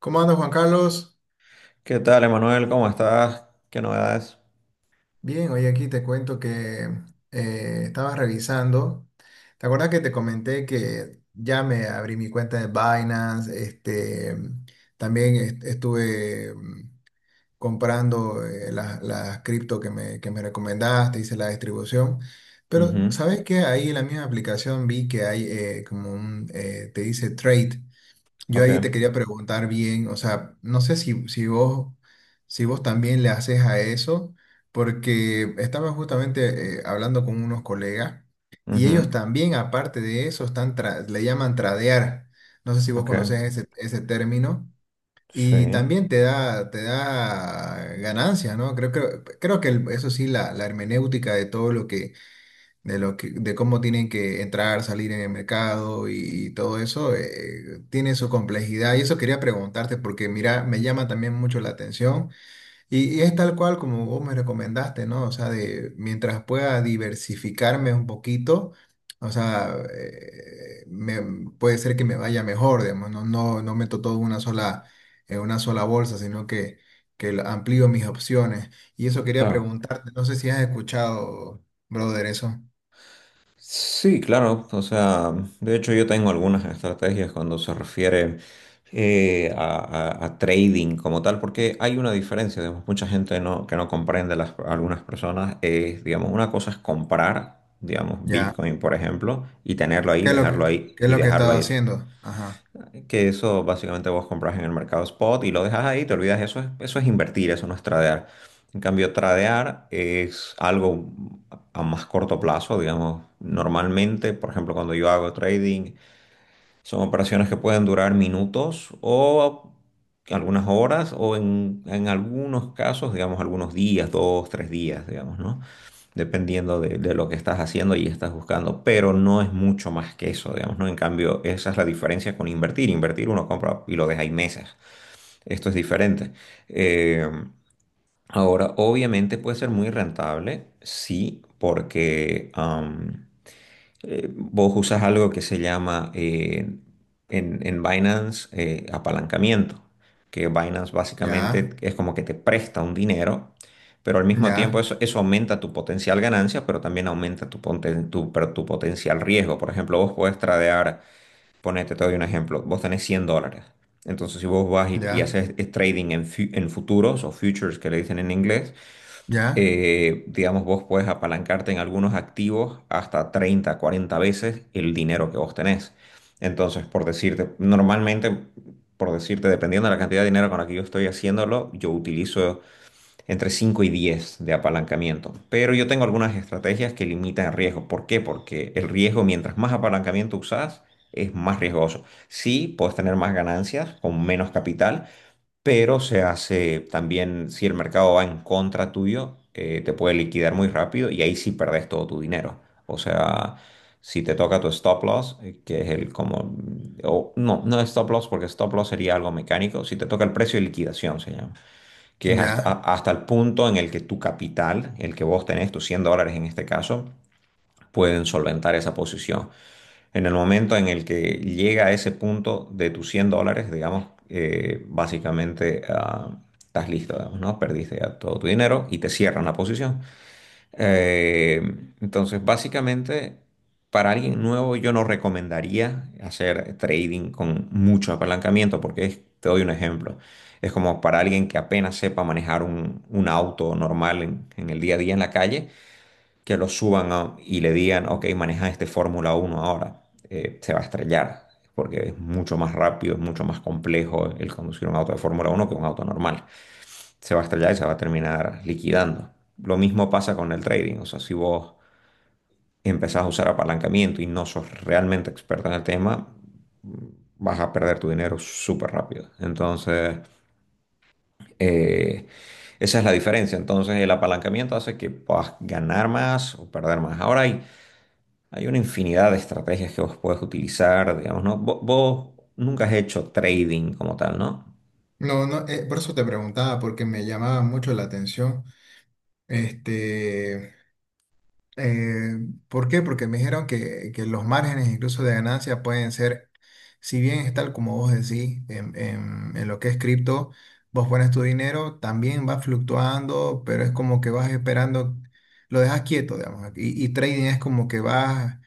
¿Cómo andas, Juan Carlos? ¿Qué tal, Emanuel? ¿Cómo estás? ¿Qué novedades? Bien, hoy aquí te cuento que estaba revisando. ¿Te acuerdas que te comenté que ya me abrí mi cuenta de Binance? También estuve comprando las cripto que me recomendaste, hice la distribución. Pero, Ujú. ¿sabes qué? Ahí en la misma aplicación vi que hay como un, te dice trade. Yo Ok. ahí te quería preguntar bien, o sea, no sé si vos, si vos también le haces a eso, porque estaba justamente hablando con unos colegas y Ujú. ellos también, aparte de eso, están le llaman tradear. No sé si vos Ok. conocés ese término. Sí. Y también te da ganancias, ¿no? Creo que eso sí, la hermenéutica de todo lo que de cómo tienen que entrar, salir en el mercado y todo eso, tiene su complejidad. Y eso quería preguntarte porque, mira, me llama también mucho la atención y es tal cual como vos me recomendaste, ¿no? O sea, de mientras pueda diversificarme un poquito. O sea, puede ser que me vaya mejor, digamos, no meto todo en una sola bolsa, sino amplío mis opciones. Y eso quería Claro. preguntarte, no sé si has escuchado, brother, eso. Sí, claro. O sea, de hecho yo tengo algunas estrategias cuando se refiere eh, a, a trading como tal, porque hay una diferencia, digamos, mucha gente no, que no comprende, las, algunas personas, es, digamos, una cosa es comprar, digamos, Ya. Bitcoin, por ejemplo, y tenerlo ahí, ¿Qué es lo dejarlo que, ahí qué es y lo que he dejarlo estado ahí. haciendo? Ajá. Que eso básicamente vos compras en el mercado spot y lo dejas ahí, te olvidas, eso es invertir, eso no es tradear. En cambio, tradear es algo a más corto plazo, digamos, normalmente, por ejemplo, cuando yo hago trading, son operaciones que pueden durar minutos o algunas horas o en algunos casos, digamos, algunos días, dos, tres días, digamos, ¿no? Dependiendo de lo que estás haciendo y estás buscando, pero no es mucho más que eso, digamos, ¿no? En cambio, esa es la diferencia con invertir. Invertir uno compra y lo deja ahí meses. Esto es diferente. Eh, Ahora, obviamente puede ser muy rentable, sí, porque... vos usas algo que se llama en Binance apalancamiento, que Binance básicamente Ya, es como que te presta un dinero, pero al mismo tiempo ya, eso, eso aumenta tu potencial ganancia, pero también aumenta pero tu potencial riesgo. Por ejemplo, vos podés tradear, ponete, te doy un ejemplo, vos tenés $100. Entonces, si vos vas y ya, haces trading en, en futuros o futures que le dicen en inglés, ya, digamos, vos puedes apalancarte en algunos activos hasta 30, 40 veces el dinero que vos tenés. Entonces, por decirte, normalmente, por decirte, dependiendo de la cantidad de dinero con la que yo estoy haciéndolo, yo utilizo entre 5 y 10 de apalancamiento. Pero yo tengo algunas estrategias que limitan el riesgo. ¿Por qué? Porque el riesgo, mientras más apalancamiento usás, es más riesgoso. Sí, puedes tener más ganancias con menos capital, pero se hace también, si el mercado va en contra tuyo, te puede liquidar muy rápido y ahí sí perdés todo tu dinero. O sea, si te toca tu stop loss, que es el como, no, no es stop loss porque stop loss sería algo mecánico, si te toca el precio de liquidación se llama, que es hasta, ya. Hasta el punto en el que tu capital, el que vos tenés, tus $100 en este caso, pueden solventar esa posición. En el momento en el que llega a ese punto de tus $100, digamos, básicamente estás listo, digamos, ¿no? Perdiste ya todo tu dinero y te cierran la posición. Eh, entonces, básicamente, para alguien nuevo yo no recomendaría hacer trading con mucho apalancamiento porque te doy un ejemplo. Es como para alguien que apenas sepa manejar un auto normal en el día a día en la calle que y le digan, ok, maneja este Fórmula uno ahora, se va a estrellar, porque es mucho más rápido, es mucho más complejo el conducir un auto de Fórmula uno que un auto normal. Se va a estrellar y se va a terminar liquidando. Lo mismo pasa con el trading, o sea, si vos empezás a usar apalancamiento y no sos realmente experto en el tema, vas a perder tu dinero súper rápido. Entonces, eh, esa es la diferencia. Entonces, el apalancamiento hace que puedas ganar más o perder más. Ahora hay Hay una infinidad de estrategias que vos podés utilizar, digamos, ¿no? Vos, nunca has hecho trading como tal, ¿no? No, no, por eso te preguntaba, porque me llamaba mucho la atención. Este. Eh, ¿Por qué? Porque me dijeron que los márgenes incluso de ganancia pueden ser, si bien es tal como vos decís, en lo que es cripto, vos pones tu dinero, también va fluctuando, pero es como que vas esperando, lo dejas quieto, digamos, y trading es como que vas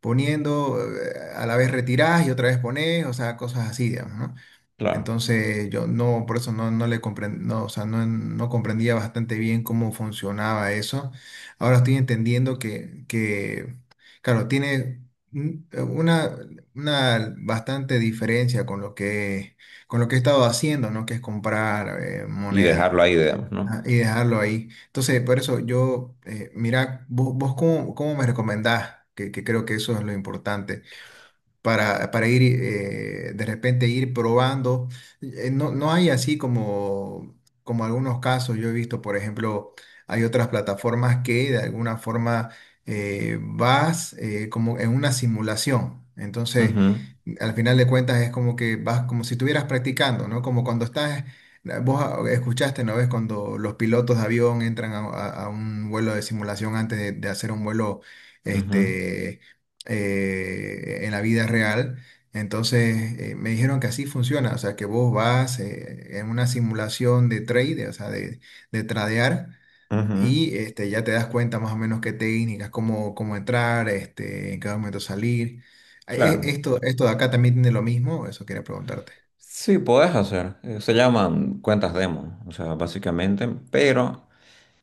poniendo, a la vez retirás y otra vez pones, o sea, cosas así, digamos, ¿no? Claro. Entonces yo no, por eso no, no le comprendía, no, o sea, no, no comprendía bastante bien cómo funcionaba eso. Ahora estoy entendiendo que claro, tiene un- una, una bastante diferencia con lo que he estado haciendo, ¿no? Que es comprar Y dejarlo moneda ahí, digamos, ¿no? ah, y dejarlo ahí. Entonces, por eso yo, mira, vos cómo, cómo me recomendás, que creo que eso es lo importante para ir de repente ir probando. No, no hay así como, como algunos casos, yo he visto, por ejemplo, hay otras plataformas que de alguna forma vas como en una simulación. Entonces, Ujú, al final de cuentas es como que vas como si estuvieras practicando, ¿no? Como cuando estás... Vos ah, escuchaste, ¿no ves? Cuando los pilotos de avión entran a un vuelo de simulación antes de hacer un vuelo, ujú, este, en la vida real. Entonces me dijeron que así funciona, o sea, que vos vas en una simulación de trade, o sea, de tradear, ujú. y este, ya te das cuenta más o menos qué técnicas, cómo, cómo entrar, este, en cada momento salir. Claro. Esto, esto de acá también tiene lo mismo, eso quería preguntarte. Sí, podés hacer. Se llaman cuentas demo, o sea, básicamente, pero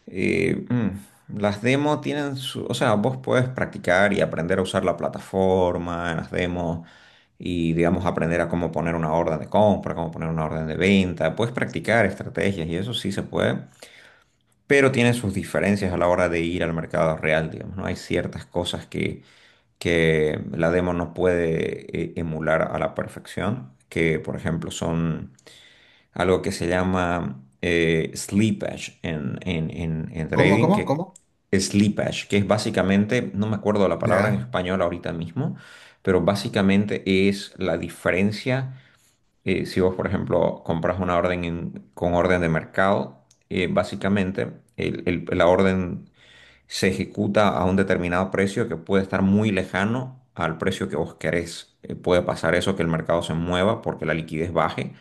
las demo tienen su... O sea, vos podés practicar y aprender a usar la plataforma en las demos. Y, digamos, aprender a cómo poner una orden de compra, cómo poner una orden de venta. Puedes practicar estrategias y eso sí se puede, pero tiene sus diferencias a la hora de ir al mercado real, digamos, ¿no? Hay ciertas cosas que la demo no puede emular a la perfección, que, por ejemplo, son algo que se llama slippage en, en ¿Cómo, trading, cómo, que cómo? slippage, que es básicamente, no me acuerdo la palabra en Ya, español ahorita mismo, pero básicamente es la diferencia. Eh, si vos, por ejemplo, compras una orden con orden de mercado, básicamente la orden se ejecuta a un determinado precio que puede estar muy lejano al precio que vos querés. Puede pasar eso, que el mercado se mueva porque la liquidez baje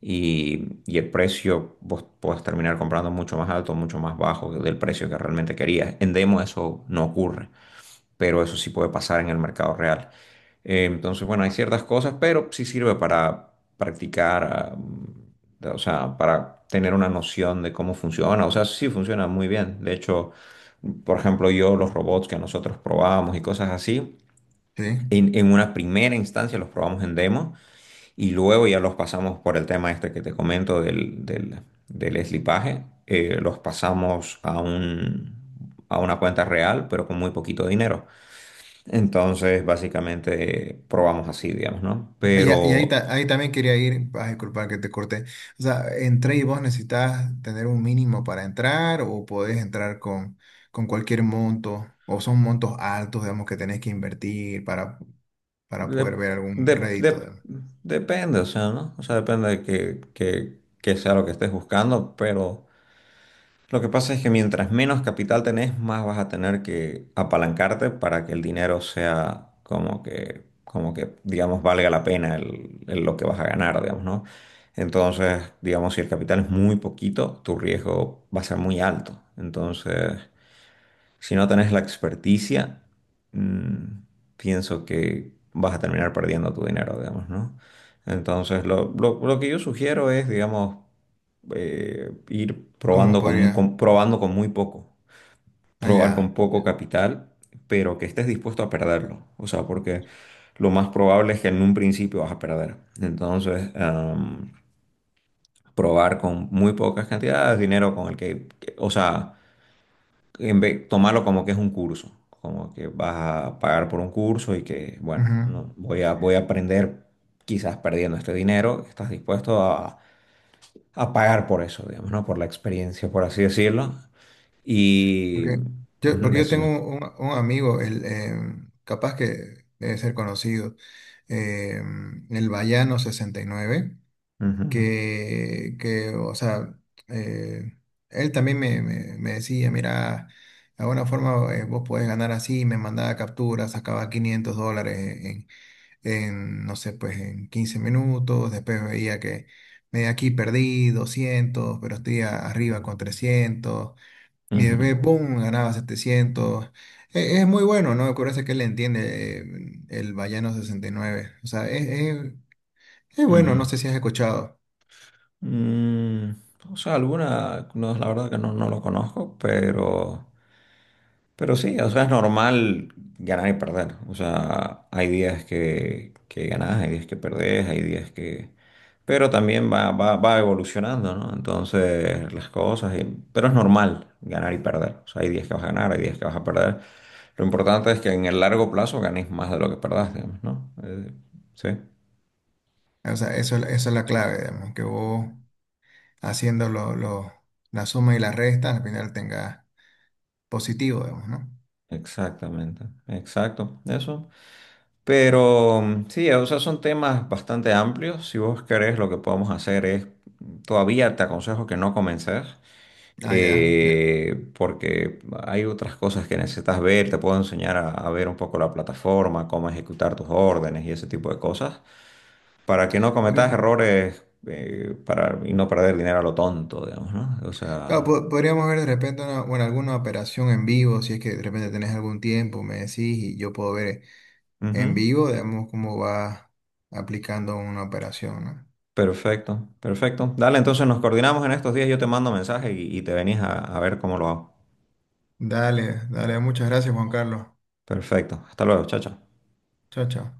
y el precio vos podés terminar comprando mucho más alto, mucho más bajo del precio que realmente querías. En demo eso no ocurre, pero eso sí puede pasar en el mercado real. Entonces, bueno, hay ciertas cosas, pero sí sirve para practicar, o sea, para tener una noción de cómo funciona. O sea, sí funciona muy bien. De hecho, por ejemplo, yo los robots que nosotros probábamos y cosas así, sí. En una primera instancia los probamos en demo y luego ya los pasamos por el tema este que te comento del eslipaje, los pasamos a un, a una cuenta real, pero con muy poquito dinero. Entonces, básicamente, probamos así, digamos, ¿no? Y, y ahí, Pero ahí también quería ir, ah, disculpa que te corté. O sea, entré y vos necesitas tener un mínimo para entrar o podés entrar con cualquier monto o son montos altos, digamos, que tenés que invertir para de- poder ver algún de- rédito, de- digamos. depende, o sea, ¿no? O sea, depende de que sea lo que estés buscando, pero... Lo que pasa es que mientras menos capital tenés, más vas a tener que apalancarte para que el dinero sea como que, digamos, valga la pena el lo que vas a ganar, digamos, ¿no? Entonces, digamos, si el capital es muy poquito, tu riesgo va a ser muy alto. Entonces, si no tenés la experticia, mm, pienso que vas a terminar perdiendo tu dinero, digamos, ¿no? Entonces, lo que yo sugiero es, digamos, ir ¿Cómo probando con, podría? Probando con muy poco, probar Allá. con poco capital, pero que estés dispuesto a perderlo. O sea, porque lo más probable es que en un principio vas a perder. Entonces, am, probar con muy pocas cantidades de dinero con el que, o sea tomarlo como que es un curso, como que vas a pagar por un curso y que, bueno, no, voy a, voy a aprender quizás perdiendo este dinero, estás dispuesto a pagar por eso, digamos, ¿no? Por la experiencia, por así decirlo. Y Porque ujú, porque yo decime. tengo un amigo, él, capaz que debe ser conocido, el Bayano 69. Ujú, Que, o sea, eh, él también me decía, mira, de alguna forma vos podés ganar así, me mandaba capturas, sacaba $500 en, en, no sé, pues en 15 minutos, después veía que me aquí perdí 200 pero estoy arriba con 300 y después, ujú, ¡pum!, ganaba 700. Es muy bueno, ¿no? Me parece que él entiende el Vallano 69. O sea, es bueno, no ujú. sé si has escuchado. Mm, o sea, alguna, no, la verdad que no, no lo conozco, pero... Pero sí, o sea, es normal ganar y perder. O sea, hay días que ganás, hay días que perdés, hay días que... Pero también va evolucionando, ¿no? Entonces, las cosas... y- Pero es normal ganar y perder. O sea, hay días que vas a ganar, hay días que vas a perder. Lo importante es que en el largo plazo ganes más de lo que perdás, digamos, ¿no? Sí, O sea, eso es la clave, digamos, que vos haciendo la suma y la resta, al final tengas positivo, digamos, ¿no? exactamente. Exacto. Eso. Pero mm, sí, o sea, son temas bastante amplios. Si vos querés, lo que podemos hacer es, todavía te aconsejo que no comences, Ah, ya, ya. Porque hay otras cosas que necesitas ver. Te puedo enseñar a ver un poco la plataforma, cómo ejecutar tus órdenes y ese tipo de cosas, para que no cometas Podría- errores, y no perder dinero a lo tonto, digamos, ¿no? O claro, sea, podríamos ver de repente una, bueno, alguna operación en vivo, si es que de repente tenés algún tiempo, me decís, y yo puedo ver en ujú. vivo, digamos, cómo va aplicando una operación, ¿no? Perfecto, perfecto. Dale, entonces nos coordinamos en estos días. Yo te mando mensaje y te venís a ver cómo lo hago. Dale, dale, muchas gracias, Juan Carlos. Perfecto. Hasta luego, chao, chao. Chao, chao.